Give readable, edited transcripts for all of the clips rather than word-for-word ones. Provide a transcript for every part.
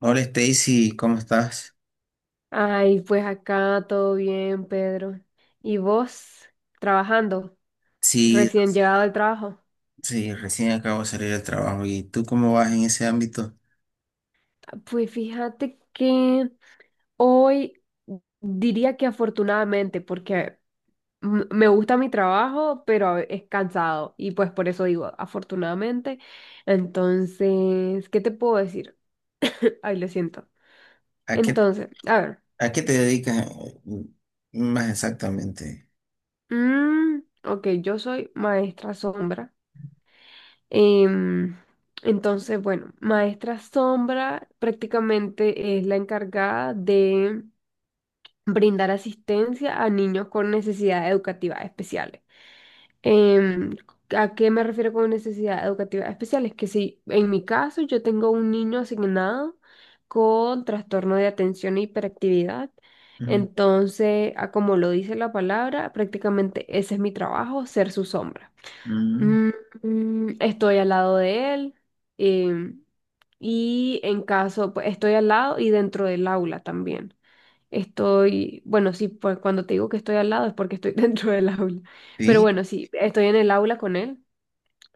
Hola Stacy, ¿cómo estás? Ay, pues acá todo bien, Pedro. ¿Y vos trabajando, Sí, recién llegado al trabajo? sí, recién acabo de salir del trabajo. ¿Y tú cómo vas en ese ámbito? Pues fíjate que hoy diría que afortunadamente, porque me gusta mi trabajo, pero es cansado y pues por eso digo afortunadamente. Entonces, ¿qué te puedo decir? Ay, lo siento. ¿A qué, Entonces, a ver. a qué te dedicas más exactamente? mm, ok, yo soy maestra sombra. Em, entonces, bueno, maestra sombra prácticamente es la encargada de brindar asistencia a niños con necesidades educativas especiales. Em, ¿a qué me refiero con necesidades educativas especiales? Que si en mi caso yo tengo un niño asignado con trastorno de atención e hiperactividad, Mm. entonces, a como lo dice la palabra, prácticamente ese es mi trabajo, ser su sombra. Mm. Mm, estoy al lado de él em, y en caso, pues estoy al lado y dentro del aula también. Estoy, bueno, sí, pues cuando te digo que estoy al lado es porque estoy dentro del aula, pero Sí. bueno, sí, estoy en el aula con él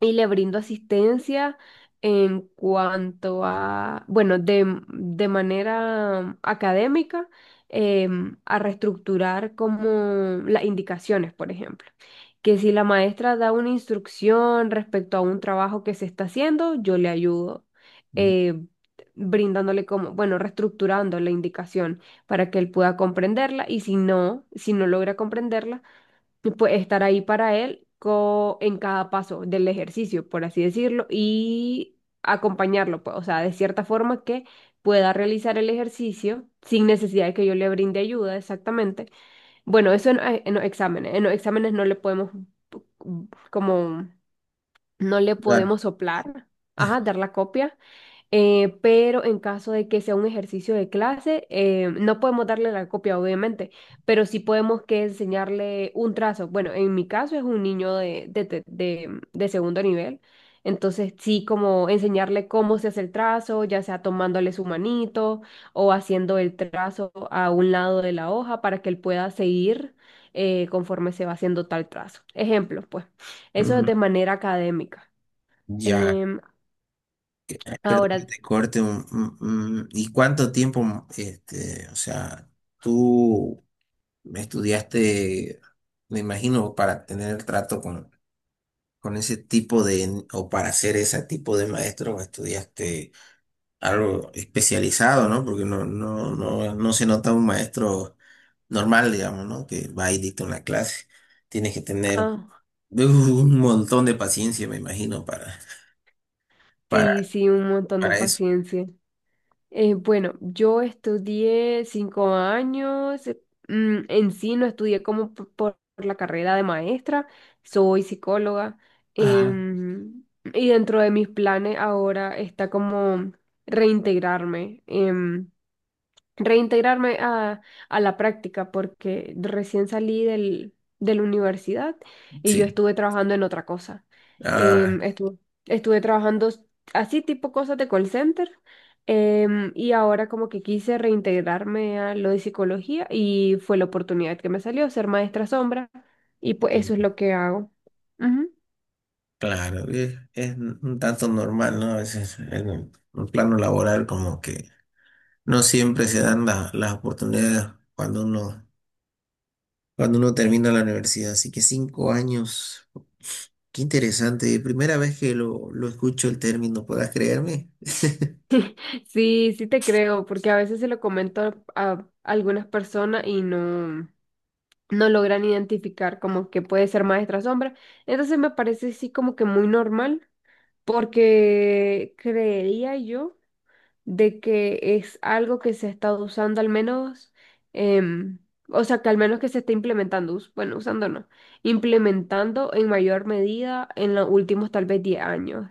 y le brindo asistencia en cuanto a, bueno, de manera académica, a reestructurar como las indicaciones, por ejemplo. Que si la maestra da una instrucción respecto a un trabajo que se está haciendo, yo le ayudo, Mm, eh, brindándole como, bueno, reestructurando la indicación para que él pueda comprenderla y si no logra comprenderla, tú puedes estar ahí para él en cada paso del ejercicio, por así decirlo, y acompañarlo, pues, o sea, de cierta forma que pueda realizar el ejercicio sin necesidad de que yo le brinde ayuda, exactamente. Bueno, eso en los exámenes. En los exámenes no le podemos, como, no le claro. podemos soplar, ajá, dar la copia pero en caso de que sea un ejercicio de clase, no podemos darle la copia, obviamente, pero sí podemos que enseñarle un trazo. Bueno, en mi caso es un niño de segundo nivel, entonces sí como enseñarle cómo se hace el trazo, ya sea tomándole su manito o haciendo el trazo a un lado de la hoja para que él pueda seguir conforme se va haciendo tal trazo. Ejemplos, pues, eso es Mm. de manera académica. Ya. Em, Perdón que ahora, te corte. ¿Y cuánto tiempo, este, o sea, tú estudiaste, me imagino, para tener trato con ese tipo de, o para ser ese tipo de maestro, estudiaste? Algo especializado, ¿no? Porque no, no, no, no se nota un maestro normal, digamos, ¿no? Que va y dicta una clase. Tienes que tener ah, un montón de paciencia, me imagino, para, para, sí, sí, un montón de para eso. paciencia. Bueno, yo estudié 5 años, en sí no estudié como por la carrera de maestra, soy psicóloga, Ah, em, y dentro de mis planes ahora está como reintegrarme. Reintegrarme a la práctica porque recién salí del, de la universidad y yo sí. estuve trabajando en otra cosa. Ah, Em, estuve, estuve trabajando así tipo cosas de call center y ahora como que quise reintegrarme a lo de psicología y fue la oportunidad que me salió ser maestra sombra y pues eso es eh, lo que hago. Ujú. claro, es un tanto normal, ¿no? A veces en el plano laboral como que no siempre se dan las oportunidades cuando uno, cuando uno termina la universidad. Así que 5 años. Qué interesante, primera vez que lo escucho el término, ¿podrás creerme? Sí, sí te creo, porque a veces se lo comento a algunas personas y no. No logran identificar como que puede ser maestra sombra. Entonces me parece sí como que muy normal, porque creería yo de que es algo que se ha estado usando al menos, em, o sea, que al menos que se está implementando, bueno, usando no, implementando en mayor medida en los últimos tal vez 10 años.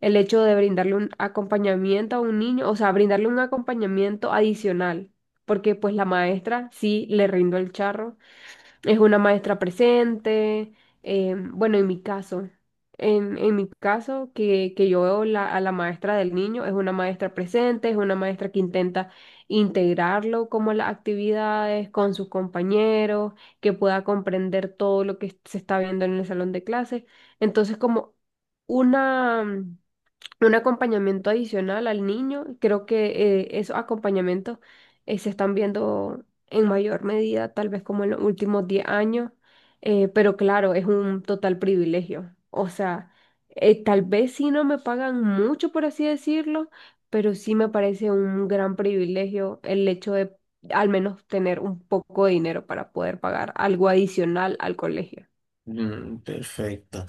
El hecho de brindarle un acompañamiento a un niño, o sea, brindarle un acompañamiento adicional, porque pues la maestra sí le rindó el charro es una maestra presente. Bueno, en mi caso, en mi caso, que yo veo a la maestra del niño, es una maestra presente, es una maestra que intenta integrarlo como a las actividades con sus compañeros, que pueda comprender todo lo que se está viendo en el salón de clases. Entonces, como una un acompañamiento adicional al niño. Creo que esos acompañamientos se están viendo en mayor medida, tal vez como en los últimos 10 años, pero claro, es un total privilegio. O sea, tal vez sí no me pagan mucho, por así decirlo, pero sí me parece un gran privilegio el hecho de al menos tener un poco de dinero para poder pagar algo adicional al colegio. Mm, perfecto.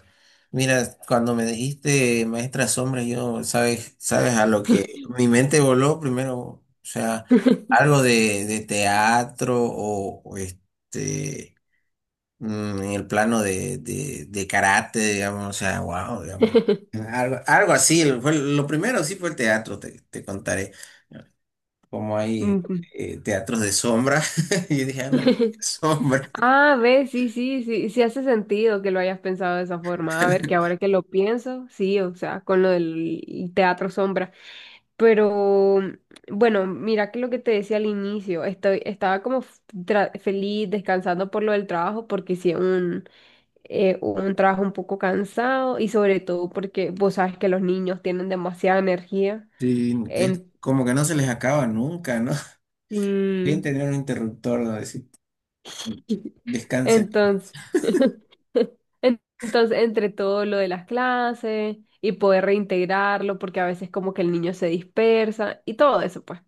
Mira, cuando me dijiste maestra sombra, yo, sabes a lo que mi mente voló primero, o sea, algo de teatro o este, en el plano de karate, digamos, o sea, wow, digamos. Algo, algo así, fue, lo primero sí fue el teatro, te contaré. Como hay Ujú. Teatros de sombra. Y yo dije, anda, sombra. Ah, ve, sí, sí, sí, sí hace sentido que lo hayas pensado de esa forma. A ver, que ahora que lo pienso, sí, o sea, con lo del teatro sombra. Pero bueno, mira que lo que te decía al inicio, estoy, estaba como feliz descansando por lo del trabajo, porque sí, un trabajo un poco cansado y sobre todo porque vos sabes que los niños tienen demasiada energía. Sí, es En, como que no se les acaba nunca, ¿no? Bien tener un interruptor donde decir, sí. descansen. Entonces, entonces, entre todo lo de las clases y poder reintegrarlo, porque a veces como que el niño se dispersa y todo eso, pues.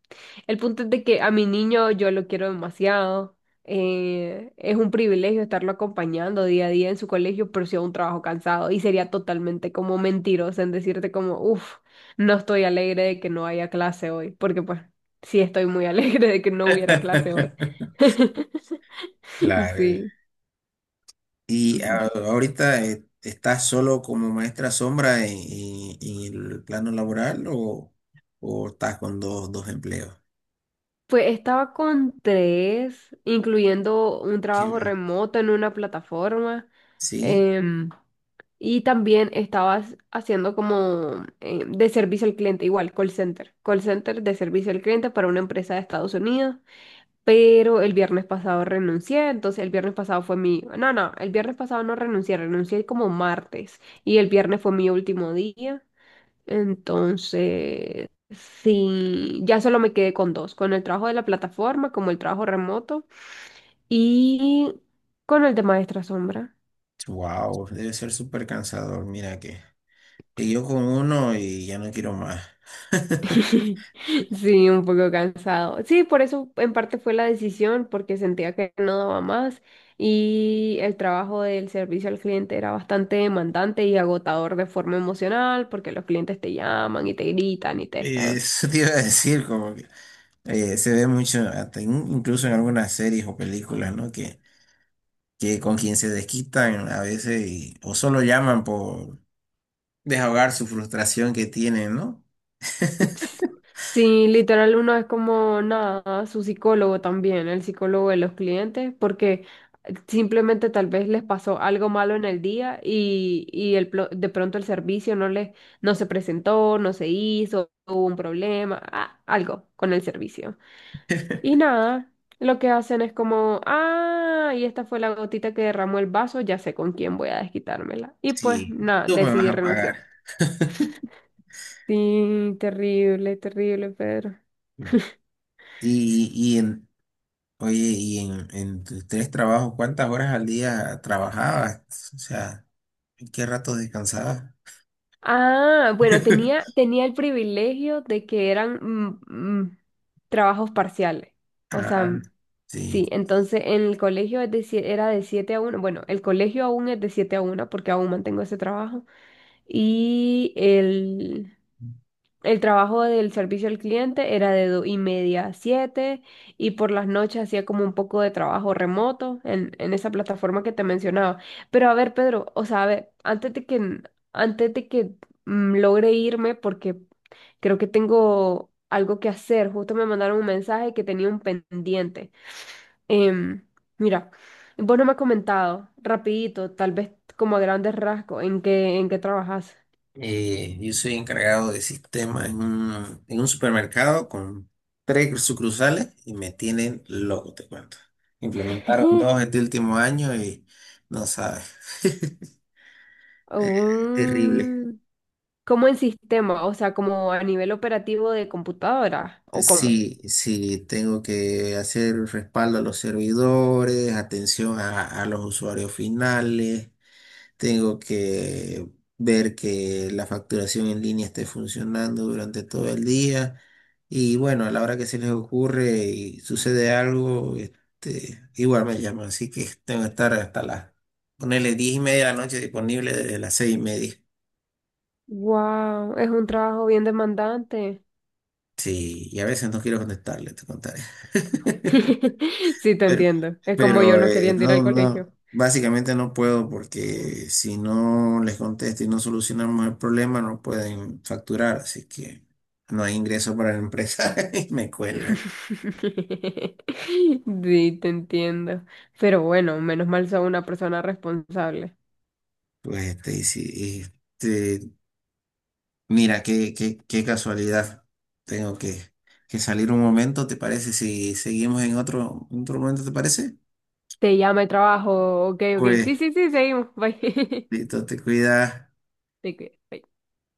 El punto es de que a mi niño yo lo quiero demasiado. Es un privilegio estarlo acompañando día a día en su colegio, pero sí es un trabajo cansado y sería totalmente como mentiroso en decirte como, uff, no estoy alegre de que no haya clase hoy, porque pues sí estoy muy alegre de que no hubiera clase hoy. Claro. Sí. Y ahorita, ¿estás solo como maestra sombra en, en el plano laboral o estás con dos empleos? Pues estaba con tres, incluyendo un Sí, trabajo va. remoto en una plataforma. Sí, em, y también estaba haciendo como de servicio al cliente, igual, call center. Call center de servicio al cliente para una empresa de Estados Unidos. Pero el viernes pasado renuncié, entonces el viernes pasado fue mi... No, no, el viernes pasado no renuncié, renuncié como martes. Y el viernes fue mi último día. Entonces, sí, ya solo me quedé con dos, con el trabajo de la plataforma, como el trabajo remoto, y con el de maestra sombra. wow, debe ser súper cansador, mira que. Y yo con uno y ya no quiero más. Sí, un poco cansado. Sí, por eso en parte fue la decisión, porque sentía que no daba más y el trabajo del servicio al cliente era bastante demandante y agotador de forma emocional, porque los clientes te llaman y te gritan y te... Eso te iba a decir, como que se ve mucho, hasta incluso en algunas series o ah. películas, ¿no? Que con quien se desquitan a veces o solo llaman por desahogar su frustración que tienen, ¿no? Ps, sí, literal, uno es como nada, su psicólogo también, el psicólogo de los clientes, porque simplemente tal vez les pasó algo malo en el día y de pronto el servicio no les, no se presentó, no se hizo, hubo un problema, ah, algo con el servicio. Y nada, lo que hacen es como, ah, y esta fue la gotita que derramó el vaso, ya sé con quién voy a desquitármela. Y pues Sí, nada, tú me vas decidí a pagar. renunciar. Sí, terrible, terrible, Pedro. Y en, oye, y en tus tres trabajos, ¿cuántas horas al día trabajabas? O sea, ¿en qué rato descansabas? Ah, bueno, tenía el privilegio de que eran mm, trabajos parciales. O sea, Ah, sí, sí. entonces en el colegio es de era de 7 a 1. Bueno, el colegio aún es de 7 a 1 porque aún mantengo ese trabajo. Y el, el trabajo del servicio al cliente era de 2:30 a 7 y por las noches hacía como un poco de trabajo remoto en esa plataforma que te mencionaba. Pero a ver, Pedro, o sea, a ver, antes de que, antes de que logre irme, porque creo que tengo algo que hacer, justo me mandaron un mensaje que tenía un pendiente. Em, mira, vos no me has comentado, rapidito, tal vez como a grandes rasgos, en qué trabajas. Yo soy encargado de sistemas en un supermercado con tres sucursales y me tienen loco, te cuento. Implementaron dos este último año y no sabes. Eh, Terrible. Mm, ¿Cómo en sistema, o sea, como a nivel operativo de computadora, ¿o cómo? Sí, sí, tengo que hacer respaldo a los servidores, atención a los usuarios finales. Tengo que ver que la facturación en línea esté funcionando durante todo el día. Y bueno, a la hora que se les ocurre y sucede algo, este, igual me llaman. Así que tengo que estar hasta las, ponerle 10:30 de la noche disponible desde las 6:30. Wow, es un trabajo bien demandante. Sí, y a veces no quiero contestarle, te contaré. Sí, te Pero, entiendo. Es como yo pero no queriendo ir al no, colegio. no, básicamente no puedo porque si no les contesto y no solucionamos el problema, no pueden facturar, así que no hay ingreso para la empresa y me cuelgan. Sí, te entiendo. Pero bueno, menos mal soy una persona responsable. Pues este, y sí, este, mira, qué casualidad. Tengo que salir un momento, ¿te parece? Si seguimos en otro momento, ¿te parece? Te llama el trabajo. Ok, ok. Pues, Sí, sí, sí, seguimos. Bye. listo, te cuidas. Te cuidas. Bye.